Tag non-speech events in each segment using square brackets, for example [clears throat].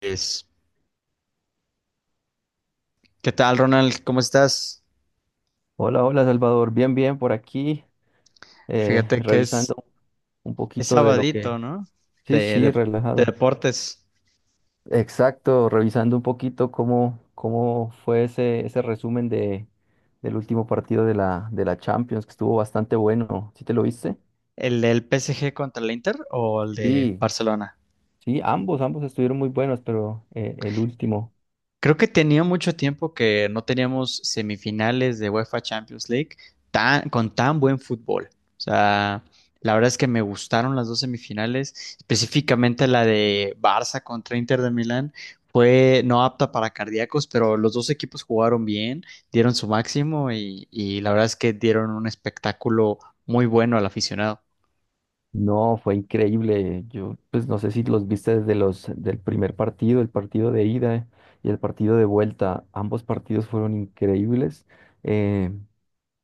Es- ¿Qué tal, Ronald? ¿Cómo estás? Hola, hola Salvador, bien, bien por aquí, Fíjate que revisando un es poquito de lo que... sabadito, ¿no? Sí, De, sí, de- de relajado. deportes. Exacto, revisando un poquito cómo fue ese resumen del último partido de de la Champions, que estuvo bastante bueno. ¿Sí te lo viste? ¿El del PSG contra el Inter o el de Sí, Barcelona? sí, ambos estuvieron muy buenos, pero el último. Creo que tenía mucho tiempo que no teníamos semifinales de UEFA Champions League tan, con tan buen fútbol. O sea, la verdad es que me gustaron las dos semifinales, específicamente la de Barça contra Inter de Milán. Fue no apta para cardíacos, pero los dos equipos jugaron bien, dieron su máximo y la verdad es que dieron un espectáculo muy bueno al aficionado. No, fue increíble. Yo, pues no sé si los viste desde los del primer partido, el partido de ida y el partido de vuelta. Ambos partidos fueron increíbles. Eh,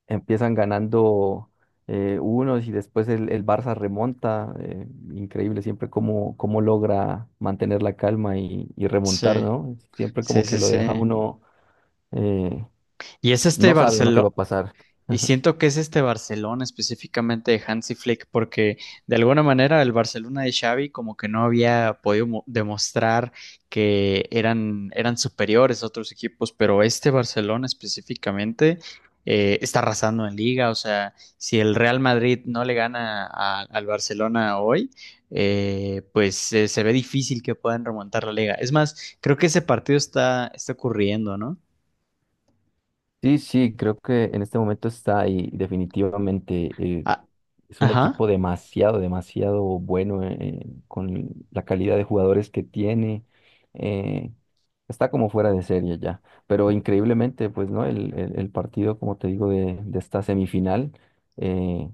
Empiezan ganando unos y después el Barça remonta. Increíble siempre cómo logra mantener la calma y remontar, Sí, ¿no? Siempre sí, como que sí, lo sí. deja uno, eh, Y es este no sabe uno qué va Barcelona. a pasar. Y [laughs] siento que es este Barcelona específicamente de Hansi Flick, porque de alguna manera el Barcelona de Xavi como que no había podido demostrar que eran superiores a otros equipos, pero este Barcelona específicamente está arrasando en liga, o sea, si el Real Madrid no le gana al Barcelona hoy, pues se ve difícil que puedan remontar la liga. Es más, creo que ese partido está ocurriendo, ¿no? Sí, sí, creo que en este momento está y definitivamente. eh, Ah, Es un ajá. equipo demasiado bueno con la calidad de jugadores que tiene. eh, Está como fuera de serie ya. Pero increíblemente, pues, ¿no? El partido, como te digo, de esta semifinal, eh,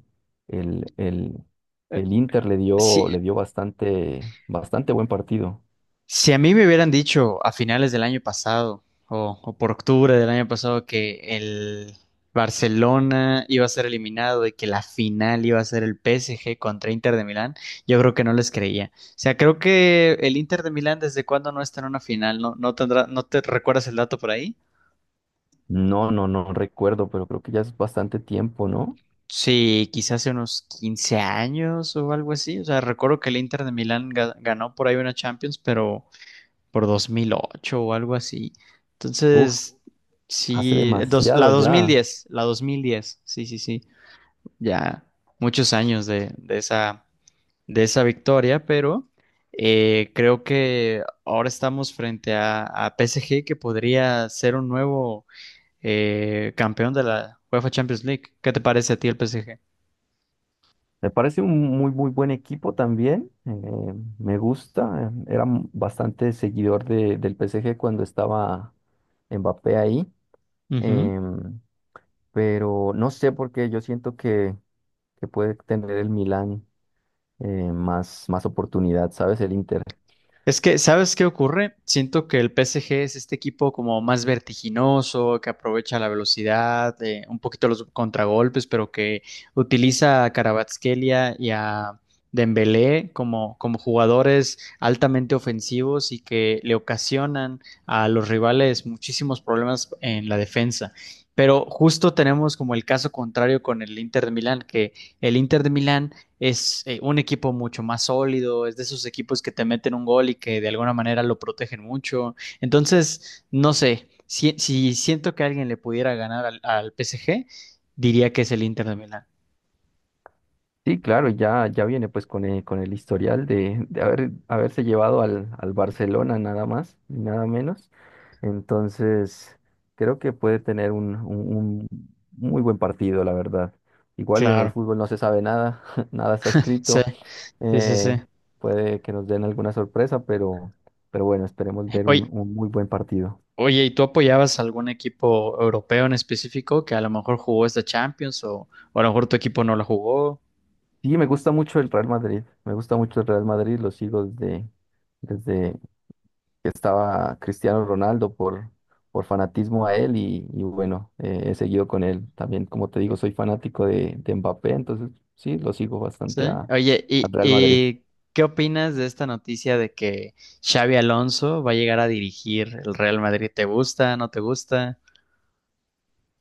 el, el- Eh, el Inter Sí, le dio bastante buen partido. Si a mí me hubieran dicho a finales del año pasado o por octubre del año pasado que el Barcelona iba a ser eliminado y que la final iba a ser el PSG contra Inter de Milán, yo creo que no les creía. O sea, creo que el Inter de Milán desde cuándo no está en una final, ¿no, no tendrá, no te recuerdas el dato por ahí? No, no, no recuerdo, pero creo que ya es bastante tiempo, ¿no? Sí, quizás hace unos 15 años o algo así. O sea, recuerdo que el Inter de Milán ganó por ahí una Champions, pero por 2008 o algo así. Uf, Entonces, hace sí, la demasiado ya. 2010, la 2010, sí, sí, sí, ya muchos años de esa victoria, pero creo que ahora estamos frente a PSG que podría ser un nuevo campeón de la UEFA Champions League. ¿Qué te parece a ti el PSG? Me parece un muy buen equipo también. Me gusta. Era bastante seguidor del PSG cuando estaba Mbappé ahí. Ujú. em, pero no sé por qué yo siento que puede tener el Milan eh, más oportunidad, ¿sabes? El Inter. Es que, ¿sabes qué ocurre? Siento que el PSG es este equipo como más vertiginoso, que aprovecha la velocidad, un poquito los contragolpes, pero que utiliza a Kvaratskhelia y a Dembélé como, como jugadores altamente ofensivos y que le ocasionan a los rivales muchísimos problemas en la defensa. Pero justo tenemos como el caso contrario con el Inter de Milán, que el Inter de Milán es un equipo mucho más sólido, es de esos equipos que te meten un gol y que de alguna manera lo protegen mucho. Entonces, no sé, si siento que alguien le pudiera ganar al PSG, diría que es el Inter de Milán. Sí, claro, ya, ya viene pues con con el historial de haberse llevado al Barcelona nada más y nada menos. Entonces, creo que puede tener un muy buen partido, la verdad. Igual en el Claro. fútbol no se sabe nada, [laughs] nada está Sí, escrito. sí, sí, sí. eh, Puede que nos den alguna sorpresa, pero bueno, esperemos ver Oye, un muy buen partido. oye, ¿y tú apoyabas algún equipo europeo en específico que a lo mejor jugó esta Champions o a lo mejor tu equipo no la jugó? Sí, me gusta mucho el Real Madrid, me gusta mucho el Real Madrid, lo sigo desde que estaba Cristiano Ronaldo por fanatismo a él y bueno, he seguido con él. También, como te digo, soy fanático de Mbappé, entonces sí, lo sigo bastante Sí. a, Oye, al Real Madrid. ¿y qué opinas de esta noticia de que Xavi Alonso va a llegar a dirigir el Real Madrid? ¿Te gusta? ¿No te gusta?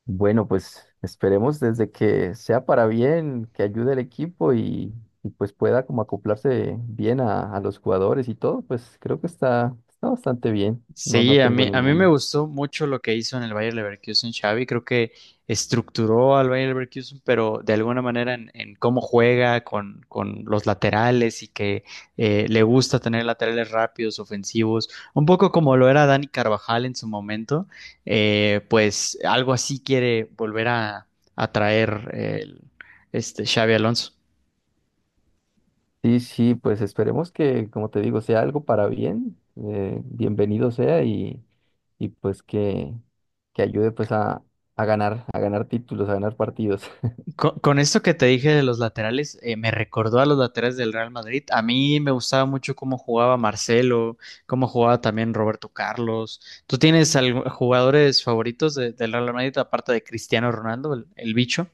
Bueno, pues esperemos desde que sea para bien, que ayude al equipo y, pues pueda como acoplarse bien a los jugadores y todo, pues creo que está, está bastante bien. No, no Sí, tengo a mí me ningún. gustó mucho lo que hizo en el Bayer Leverkusen Xavi. Creo que estructuró al Bayer Leverkusen, pero de alguna manera en cómo juega con los laterales y que le gusta tener laterales rápidos, ofensivos, un poco como lo era Dani Carvajal en su momento. Pues algo así quiere volver a traer el- este Xavi Alonso. Sí, sí, pues esperemos que, como te digo, sea algo para bien, bienvenido sea y pues que ayude pues a a ganar títulos, a ganar partidos. [laughs] Con esto que te dije de los laterales, me recordó a los laterales del Real Madrid. A mí me gustaba mucho cómo jugaba Marcelo, cómo jugaba también Roberto Carlos. ¿Tú tienes jugadores favoritos del Real Madrid aparte de Cristiano Ronaldo, el bicho?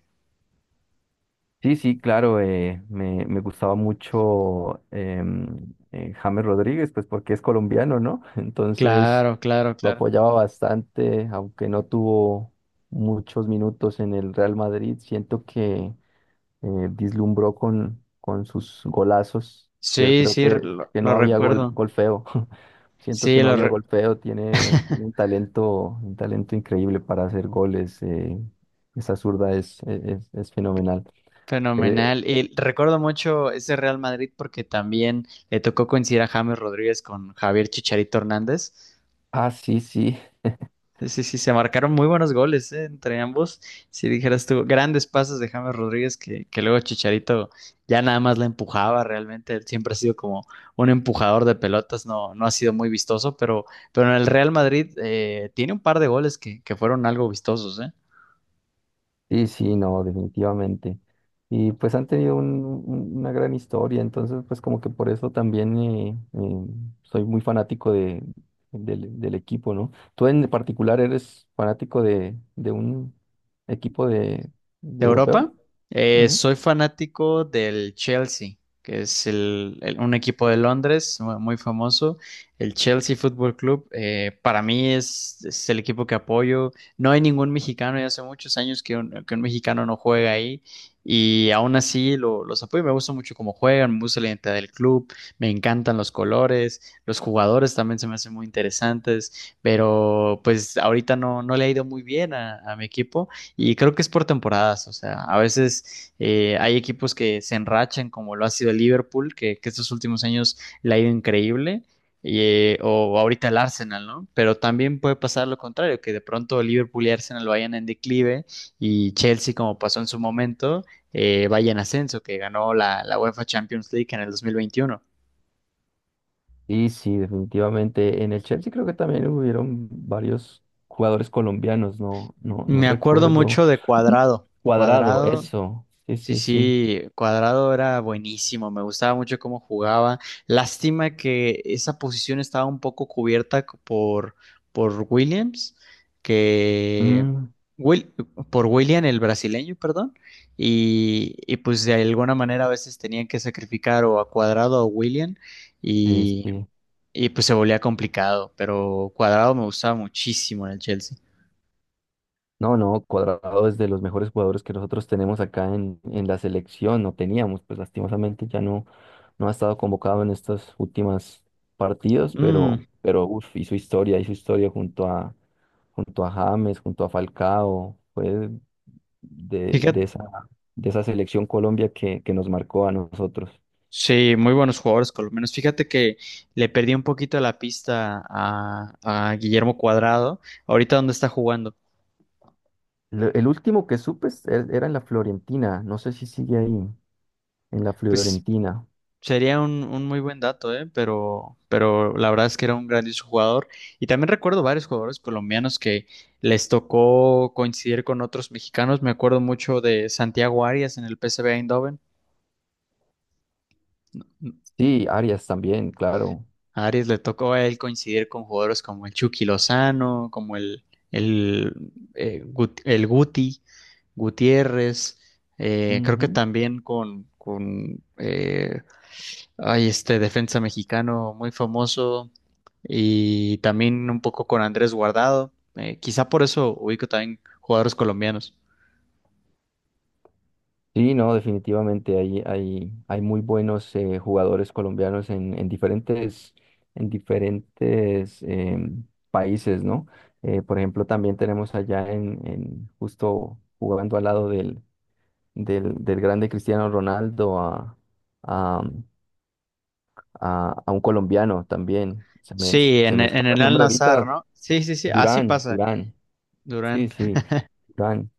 Sí, sí, claro, me, me gustaba mucho James Rodríguez, pues porque es colombiano, ¿no? [laughs] Entonces Claro, claro, lo claro. apoyaba bastante, aunque no tuvo muchos minutos en el Real Madrid, siento que... Deslumbró con sus golazos. Sí, Sí, creo sí, que lo no había gol, recuerdo. gol feo. [laughs] Siento que Sí, no lo había re- gol feo. Tiene, tiene un talento increíble para hacer goles. Esa zurda es fenomenal. Eh, fenomenal. Y recuerdo mucho ese Real Madrid porque también le tocó coincidir a James Rodríguez con Javier Chicharito Hernández. ah, sí, sí. Sí, sí, sí, se marcaron muy buenos goles, entre ambos. Si dijeras tú, grandes pases de James Rodríguez que luego Chicharito ya nada más la empujaba realmente. Él siempre ha sido como un empujador de pelotas, no ha sido muy vistoso, pero en el Real Madrid tiene un par de goles que fueron algo vistosos, ¿eh? Sí, sí, no, definitivamente. Y pues han tenido una gran historia, entonces pues como que por eso también soy muy fanático del equipo, ¿no? ¿Tú en particular eres fanático de un equipo de De europeo? Europa, Ujú. soy fanático del Chelsea, que es un equipo de Londres muy famoso. El Chelsea Football Club, para mí es el equipo que apoyo. No hay ningún mexicano, ya hace muchos años que que un mexicano no juega ahí y aún así los apoyo. Me gusta mucho cómo juegan, me gusta la identidad del club, me encantan los colores, los jugadores también se me hacen muy interesantes, pero pues ahorita no, no le ha ido muy bien a mi equipo. Y creo que es por temporadas, o sea, a veces hay equipos que se enrachan, como lo ha sido el Liverpool, que estos últimos años le ha ido increíble, o ahorita el Arsenal, ¿no? Pero también puede pasar lo contrario, que de pronto el Liverpool y Arsenal vayan en declive y Chelsea, como pasó en su momento, vaya en ascenso, que ganó la UEFA Champions League en el 2021. Sí, sí, definitivamente. En el Chelsea creo que también hubieron varios jugadores colombianos, no, no, no Me acuerdo recuerdo. mucho de Cuadrado. [clears throat] Cuadrado, Cuadrado eso. Sí, sí, sí, sí. sí, Cuadrado era buenísimo, me gustaba mucho cómo jugaba. Lástima que esa posición estaba un poco cubierta por Williams, que Mm, Wil- por William el brasileño, perdón, y pues de alguna manera a veces tenían que sacrificar o a Cuadrado o a William sí, y, sí. y pues se volvía complicado, pero Cuadrado me gustaba muchísimo en el Chelsea. No, no, Cuadrado es de los mejores jugadores que nosotros tenemos acá en la selección, no teníamos, pues lastimosamente ya no, no ha estado convocado en estos últimos partidos, Mm, pero uf, hizo historia junto a, junto a James, junto a Falcao, fue de, de Fíjate esa, de esa selección Colombia que nos marcó a nosotros. Sí, muy buenos jugadores colombianos. Fíjate que le perdí un poquito la pista a Guillermo Cuadrado. Ahorita dónde está jugando. El último que supe era en la Florentina, no sé si sigue ahí, en la Pues Florentina. sería un muy buen dato, ¿eh? Pero la verdad es que era un grandioso jugador. Y también recuerdo varios jugadores colombianos que les tocó coincidir con otros mexicanos. Me acuerdo mucho de Santiago Arias en el PSV Eindhoven. Sí, Arias también, claro. A Aries le tocó a él coincidir con jugadores como el Chucky Lozano, como el, el Guti, Gutiérrez, creo que Ujú. también con ay, este defensa mexicano muy famoso y también un poco con Andrés Guardado. Quizá por eso ubico también jugadores colombianos. Sí, no, definitivamente hay, hay, hay muy buenos jugadores colombianos en diferentes países, ¿no? Por ejemplo, también tenemos allá en justo jugando al lado del grande Cristiano Ronaldo a, a un colombiano también. Sí, Se me en escapa el el nombre Al-Nassr, ahorita. ¿no? Sí, sí, sí, así Durán, pasa, Durán. Sí, Durán. sí, Durán.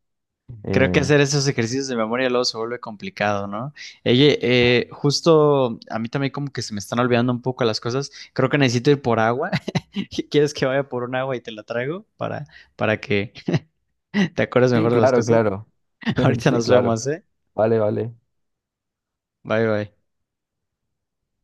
Creo que Eh, hacer esos ejercicios de memoria luego se vuelve complicado, ¿no? Oye, justo a mí también como que se me están olvidando un poco las cosas. Creo que necesito ir por agua. [laughs] ¿Quieres que vaya por un agua y te la traigo para que [laughs] te acuerdes sí, mejor de las claro, cosas? claro. [laughs] [laughs] Ahorita Sí, nos claro. vemos, ¿eh? Vale, vale. Bye, bye.